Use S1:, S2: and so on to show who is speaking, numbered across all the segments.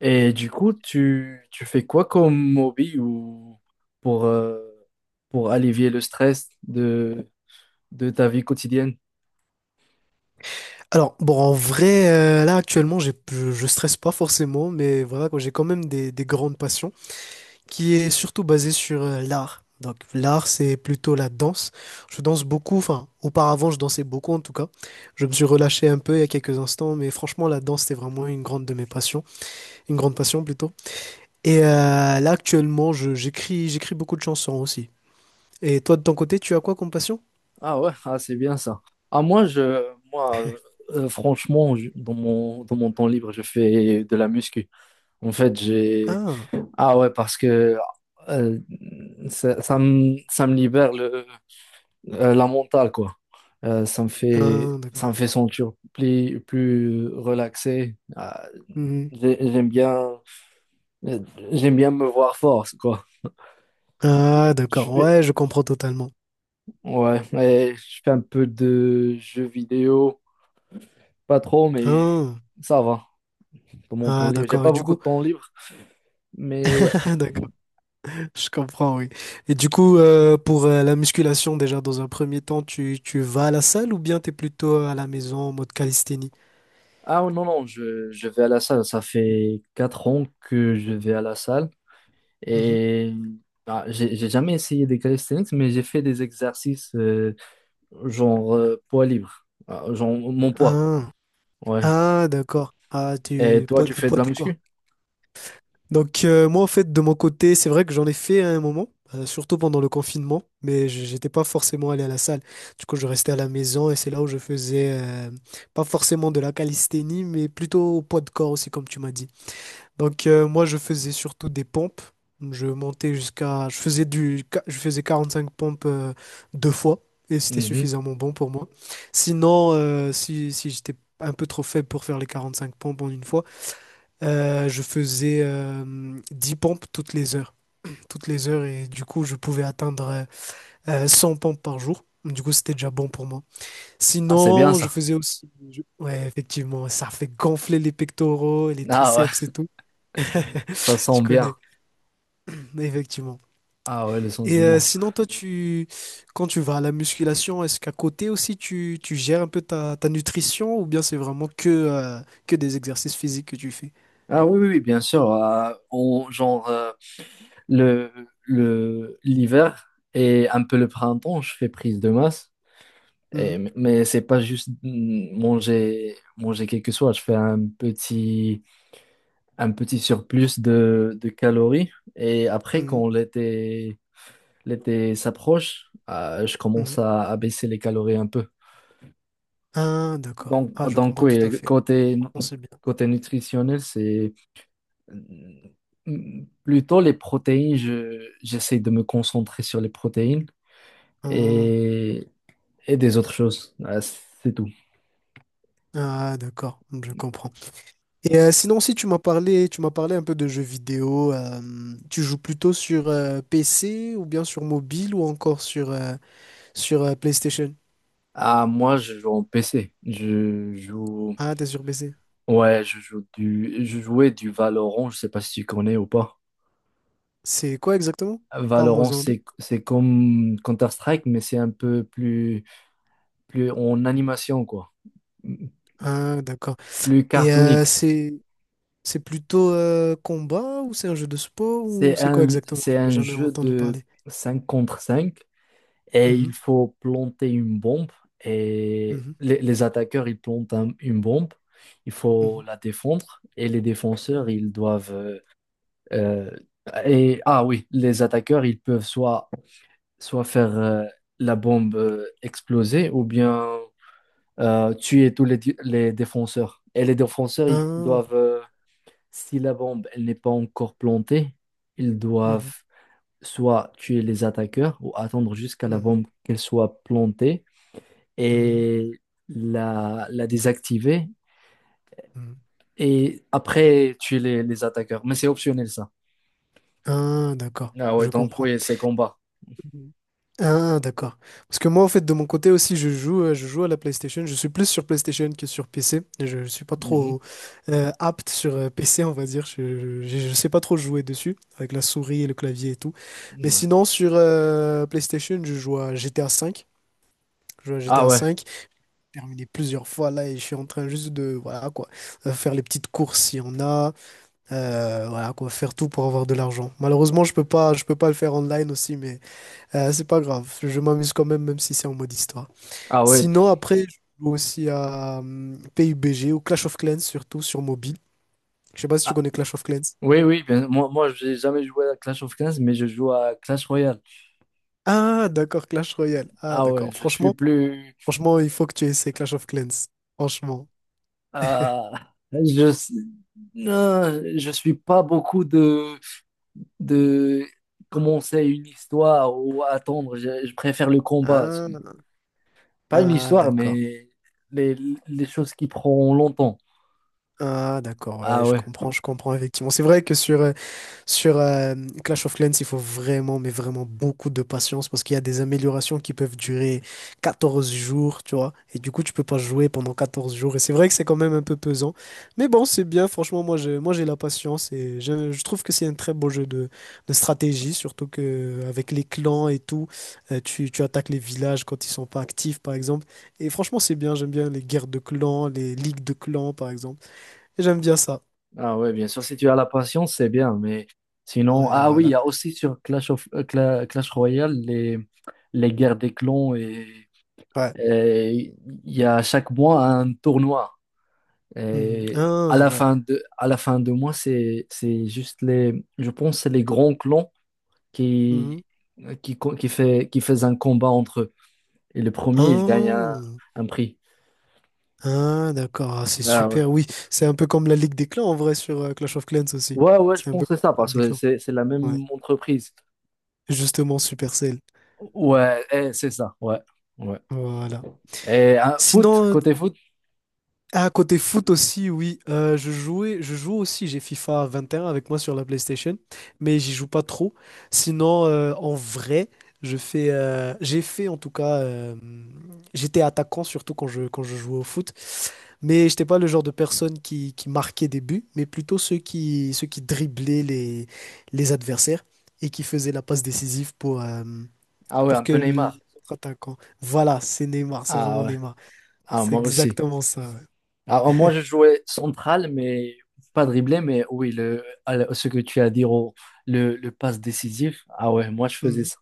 S1: Et du coup, tu fais quoi comme hobby ou pour, euh, pour allévier le stress de ta vie quotidienne?
S2: Alors, bon, en vrai, là, actuellement, je stresse pas forcément, mais voilà, quoi, j'ai quand même des grandes passions qui est surtout basée sur l'art. Donc, l'art, c'est plutôt la danse. Je danse beaucoup, enfin, auparavant, je dansais beaucoup en tout cas. Je me suis relâché un peu il y a quelques instants, mais franchement, la danse, c'est vraiment une grande de mes passions, une grande passion plutôt. Et là, actuellement, j'écris beaucoup de chansons aussi. Et toi, de ton côté, tu as quoi comme passion?
S1: Ah ouais, ah, c'est bien ça. Ah, moi, je, moi franchement, dans dans mon temps libre, je fais de la muscu. En fait, j'ai...
S2: Ah,
S1: Ah ouais, parce que euh, ça me libère le la mentale, quoi.
S2: ah,
S1: Ça
S2: d'accord.
S1: me fait sentir plus relaxé.
S2: Mhm.
S1: J'ai- j'aime bien, j'aime bien me voir fort, quoi.
S2: Ah,
S1: Et
S2: d'accord. Ouais, je comprends totalement.
S1: et je fais un peu de jeux vidéo, pas trop, mais
S2: Ah,
S1: ça va. Dans mon temps
S2: ah,
S1: libre, j'ai
S2: d'accord. Et
S1: pas
S2: du
S1: beaucoup
S2: coup,
S1: de temps libre, mais ouais.
S2: d'accord, je comprends, oui. Et du coup, pour la musculation, déjà, dans un premier temps, tu vas à la salle ou bien tu es plutôt à la maison en mode calisthénie?
S1: Ah non, non, je vais à la salle. Ça fait 4 ans que je vais à la salle.
S2: Mhm.
S1: Et ah, j'ai jamais essayé des calisthenics, mais j'ai fait des exercices genre poids libre. Ah, genre mon poids.
S2: Ah,
S1: Ouais.
S2: ah, d'accord. Ah,
S1: Et toi, tu
S2: au
S1: fais de
S2: poids
S1: la
S2: du corps.
S1: muscu?
S2: Donc, moi, en fait, de mon côté, c'est vrai que j'en ai fait à un moment, surtout pendant le confinement, mais j'étais pas forcément allé à la salle. Du coup, je restais à la maison et c'est là où je faisais, pas forcément de la calisthénie, mais plutôt au poids de corps aussi, comme tu m'as dit. Donc moi je faisais surtout des pompes. Je montais jusqu'à je faisais du je faisais 45 pompes deux fois et c'était
S1: Mhm.
S2: suffisamment bon pour moi. Sinon si j'étais un peu trop faible pour faire les 45 pompes en une fois, je faisais 10 pompes toutes les heures. Toutes les heures et du coup je pouvais atteindre 100 pompes par jour. Du coup, c'était déjà bon pour moi.
S1: Ah, c'est bien
S2: Sinon, je
S1: ça.
S2: faisais aussi. Ouais, effectivement, ça fait gonfler les pectoraux et les
S1: Ah ouais,
S2: triceps et tout.
S1: ça sent
S2: Tu
S1: bien.
S2: connais, effectivement.
S1: Ah ouais, le sens
S2: Et
S1: du mot.
S2: sinon, toi, tu, quand tu vas à la musculation, est-ce qu'à côté aussi, tu gères un peu ta nutrition ou bien c'est vraiment que, que des exercices physiques que tu fais?
S1: Ah oui, oui, oui, bien sûr. Genre, le, le, l'hiver et un peu le printemps, je fais prise de masse.
S2: Mhm,
S1: Mais c'est pas juste manger quelque chose. Je fais un petit surplus de calories. Et après,
S2: mhm,
S1: quand l'été s'approche, je commence
S2: mhm.
S1: à baisser les calories un peu.
S2: Ah, d'accord.
S1: Donc,
S2: Ah, je
S1: donc
S2: comprends tout à
S1: oui,
S2: fait. Franchement, c'est bien.
S1: côté nutritionnel, c'est plutôt les protéines. J'essaie de me concentrer sur les protéines
S2: Ah,
S1: et, et des autres choses. C'est tout.
S2: ah, d'accord, je comprends. Et sinon, si tu m'as parlé, tu m'as parlé un peu de jeux vidéo, tu joues plutôt sur PC ou bien sur mobile ou encore sur, PlayStation?
S1: Ah, moi, je joue en PC. Je joue.
S2: Ah, t'es sur PC.
S1: Ouais, je joue du. je jouais du Valorant. Je sais pas si tu connais ou pas.
S2: C'est quoi exactement?
S1: Valorant,
S2: Parle-moi-en un peu.
S1: c'est comme Counter-Strike, mais c'est un peu plus en animation quoi,
S2: Ah, d'accord.
S1: plus
S2: Et
S1: cartonique.
S2: c'est plutôt combat ou c'est un jeu de sport ou c'est quoi exactement?
S1: C'est
S2: J'en ai
S1: un
S2: jamais
S1: jeu
S2: entendu
S1: de
S2: parler.
S1: 5 contre 5 et il
S2: Mhm,
S1: faut planter une bombe et
S2: mhm,
S1: les attaqueurs ils plantent une bombe, il faut
S2: mhm,
S1: la défendre et les défenseurs
S2: mhm.
S1: ils doivent Euh, et ah oui, les attaqueurs, ils peuvent soit faire la bombe exploser ou bien tuer les défenseurs. Et les défenseurs, ils
S2: Ah,
S1: doivent, si la bombe elle n'est pas encore plantée, ils
S2: mhm,
S1: doivent soit tuer les attaqueurs ou attendre jusqu'à la
S2: mhm,
S1: bombe qu'elle soit plantée
S2: mhm,
S1: et la désactiver
S2: mhm.
S1: et après tuer les attaqueurs. Mais c'est optionnel ça.
S2: Ah, d'accord.
S1: Ah ouais,
S2: Je
S1: donc
S2: comprends.
S1: oui, c'est combat.
S2: Mhm. Ah, d'accord. Parce que moi, en fait, de mon côté aussi, je joue à la PlayStation. Je suis plus sur PlayStation que sur PC. Je ne suis pas
S1: Mhm.
S2: trop apte sur PC, on va dire. Je sais pas trop jouer dessus, avec la souris et le clavier et tout. Mais
S1: Ouais.
S2: sinon, sur PlayStation, je joue à GTA V. Je joue à
S1: Ah
S2: GTA
S1: ouais,
S2: V. J'ai terminé plusieurs fois là et je suis en train juste de, voilà quoi, faire les petites courses s'il y en a. Voilà quoi, faire tout pour avoir de l'argent. Malheureusement, je peux pas le faire online aussi, mais c'est pas grave, je m'amuse quand même, même si c'est en mode histoire.
S1: ah ouais.
S2: Sinon, après, je joue aussi à PUBG ou Clash of Clans, surtout sur mobile. Je sais pas si tu
S1: Ah,
S2: connais Clash of Clans.
S1: oui, oui, moi je n'ai jamais joué à Clash of Clans, mais je joue à Clash Royale.
S2: Ah, d'accord, Clash Royale. Ah,
S1: Ah ouais,
S2: d'accord.
S1: je suis
S2: Franchement,
S1: plus.
S2: franchement, il faut que tu essaies Clash of Clans. Franchement.
S1: ah, je, s- non, je suis pas beaucoup de commencer une histoire ou attendre. Je préfère le combat.
S2: Ah,
S1: Pas une
S2: ah,
S1: histoire,
S2: d'accord.
S1: mais les, les choses qui prennent longtemps.
S2: Ah, d'accord,
S1: Ah
S2: ouais,
S1: ouais.
S2: je comprends, effectivement. C'est vrai que sur Clash of Clans, il faut vraiment, mais vraiment beaucoup de patience parce qu'il y a des améliorations qui peuvent durer 14 jours, tu vois. Et du coup, tu peux pas jouer pendant 14 jours. Et c'est vrai que c'est quand même un peu pesant. Mais bon, c'est bien. Franchement, moi, j'ai la patience et je trouve que c'est un très beau jeu de stratégie, surtout que avec les clans et tout, tu, tu attaques les villages quand ils sont pas actifs, par exemple. Et franchement, c'est bien. J'aime bien les guerres de clans, les ligues de clans, par exemple. Et j'aime bien ça.
S1: Ah ouais, bien sûr, si tu as la patience, c'est bien, mais sinon,
S2: Ouais,
S1: ah oui, il y
S2: voilà.
S1: a aussi sur Clash Royale les guerres des clans
S2: Ouais.
S1: et il y a chaque mois un tournoi.
S2: Mhm.
S1: Et
S2: Ah, ouais.
S1: à la fin de mois, c'est juste les, je pense, c'est les grands clans qui,
S2: Mhm.
S1: qui, co- qui fait, qui faisaient un combat entre eux. Et le premier, il gagne
S2: Oh.
S1: un prix.
S2: Ah, d'accord. Ah, c'est
S1: Ah ouais.
S2: super. Oui, c'est un peu comme la Ligue des Clans en vrai sur Clash of Clans aussi.
S1: Ouais, ouais, je
S2: C'est un
S1: pense
S2: peu comme
S1: que c'est ça,
S2: la
S1: parce
S2: Ligue des
S1: que
S2: Clans.
S1: c'est la
S2: Ouais.
S1: même entreprise.
S2: Justement, Supercell.
S1: Ouais, eh, c'est ça, ouais, ouais.
S2: Voilà.
S1: Et hein,
S2: Sinon.
S1: côté foot,
S2: Ah, côté foot aussi, oui. Je joue aussi, j'ai FIFA 21 avec moi sur la PlayStation, mais j'y joue pas trop. Sinon, en vrai, j'ai fait en tout cas, j'étais attaquant surtout quand je jouais au foot, mais j'étais pas le genre de personne qui marquait des buts, mais plutôt ceux qui driblaient les adversaires et qui faisaient la passe décisive pour, euh,
S1: ah ouais,
S2: pour
S1: un
S2: que
S1: peu
S2: l'autre
S1: Neymar.
S2: attaquant. Voilà, c'est Neymar, c'est
S1: Ah
S2: vraiment
S1: ouais,
S2: Neymar.
S1: ah,
S2: C'est
S1: moi aussi.
S2: exactement ça. Ouais.
S1: Ah, moi, je jouais central, mais pas dribblé, mais oui, le, à ce que tu as dit, au- le passe décisif. Ah ouais, moi, je faisais
S2: Hmm.
S1: ça.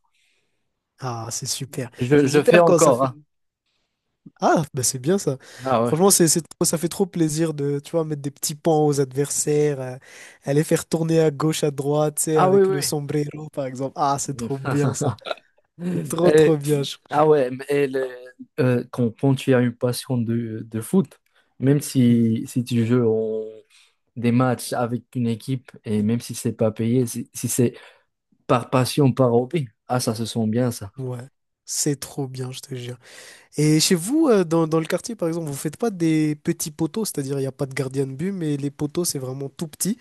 S2: Ah, c'est super. C'est
S1: Je fais
S2: super quand ça
S1: encore,
S2: fait.
S1: hein.
S2: Ah, bah c'est bien ça.
S1: Ah ouais.
S2: Franchement, ça fait trop plaisir de, tu vois, mettre des petits pans aux adversaires, aller faire tourner à gauche, à droite, tu sais,
S1: Ah oui,
S2: avec le
S1: oui,
S2: sombrero, par exemple. Ah, c'est
S1: oui.
S2: trop bien ça. C'est trop, trop
S1: Et-
S2: bien.
S1: ah ouais, quand tu as une passion de foot, même
S2: Hmm,
S1: si tu joues des matchs avec une équipe et même si c'est pas payé, si c'est par passion, par hobby, ah ça se sent bien ça.
S2: ouais, c'est trop bien, je te jure. Et chez vous, dans le quartier, par exemple, vous faites pas des petits poteaux, c'est-à-dire il n'y a pas de gardien de but, mais les poteaux, c'est vraiment tout petit.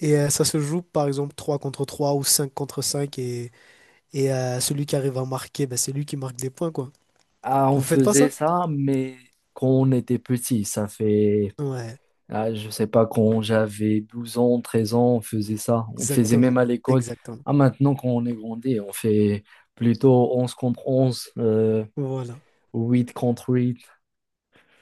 S2: Et ça se joue, par exemple, 3 contre 3 ou 5 contre 5. Et celui qui arrive à marquer, bah, c'est lui qui marque des points, quoi.
S1: Ah on
S2: Vous faites pas
S1: faisait
S2: ça?
S1: ça, mais quand on était petit,
S2: Ouais,
S1: ah, je sais pas, quand j'avais 12 ans, 13 ans, on faisait ça. On faisait même
S2: exactement.
S1: à l'école.
S2: Exactement.
S1: Ah maintenant quand on est grandi, on fait plutôt 11 contre 11
S2: Voilà.
S1: 8 contre 8.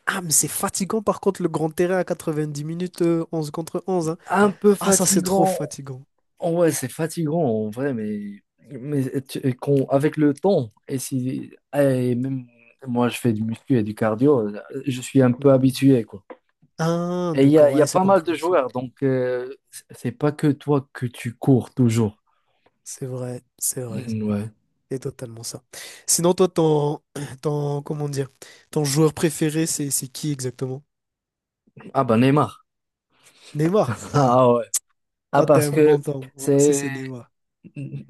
S2: Ah, mais c'est fatigant par contre le grand terrain à 90 minutes, 11 contre 11. Hein.
S1: Un peu
S2: Ah, ça c'est trop
S1: fatigant.
S2: fatigant.
S1: Oh ouais, c'est fatigant en vrai, mais avec le temps, et si, et même moi je fais du muscu et du cardio, je suis un peu
S2: Mhm.
S1: habitué, quoi.
S2: Ah,
S1: Et
S2: d'accord,
S1: il y a
S2: ouais, c'est
S1: pas mal de
S2: compréhensible.
S1: joueurs, donc c'est pas que toi que tu cours toujours.
S2: C'est vrai, c'est vrai.
S1: Mm, ouais.
S2: C'est totalement ça. Sinon, toi, ton, ton, comment dire, ton joueur préféré, c'est qui exactement?
S1: Ah bah Neymar.
S2: Neymar? Ah,
S1: Ah ouais. Ah
S2: toi, t'es
S1: parce
S2: un bon
S1: que
S2: temps. Moi aussi, c'est
S1: c'est,
S2: Neymar.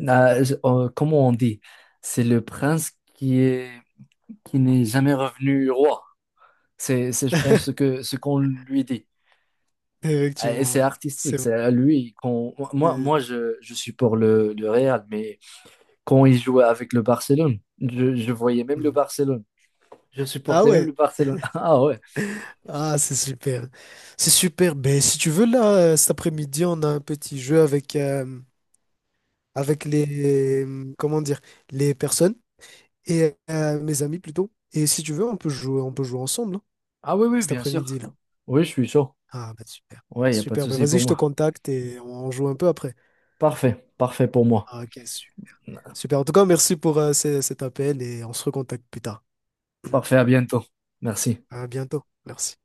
S1: comment on dit? C'est le prince qui n'est jamais revenu roi. Je pense, ce qu'on lui dit. Et
S2: Effectivement,
S1: c'est
S2: ouais. C'est
S1: artistique.
S2: vrai.
S1: C'est lui, quand,
S2: c'est-
S1: moi je suis pour le Real, mais quand il jouait avec le Barcelone, je voyais même le
S2: Mhm.
S1: Barcelone. Je
S2: Ah
S1: supportais même
S2: ouais,
S1: le Barcelone. Ah ouais.
S2: Ah, c'est super. C'est super. Ben, si tu veux, là, cet après-midi, on a un petit jeu avec, avec les, comment dire, les personnes et mes amis plutôt. Et si tu veux, on peut jouer ensemble, hein,
S1: Ah oui, oui,
S2: cet
S1: bien sûr.
S2: après-midi, là.
S1: Oui, je suis chaud.
S2: Ah, ben, super.
S1: Ouais, il n'y a pas de
S2: Super. Ben,
S1: souci
S2: vas-y,
S1: pour
S2: je te
S1: moi.
S2: contacte et on joue un peu après.
S1: Parfait, parfait pour moi.
S2: Ah, ok, super. En tout cas, merci pour cet appel et on se recontacte plus tard.
S1: Parfait, à bientôt. Merci.
S2: À bientôt. Merci.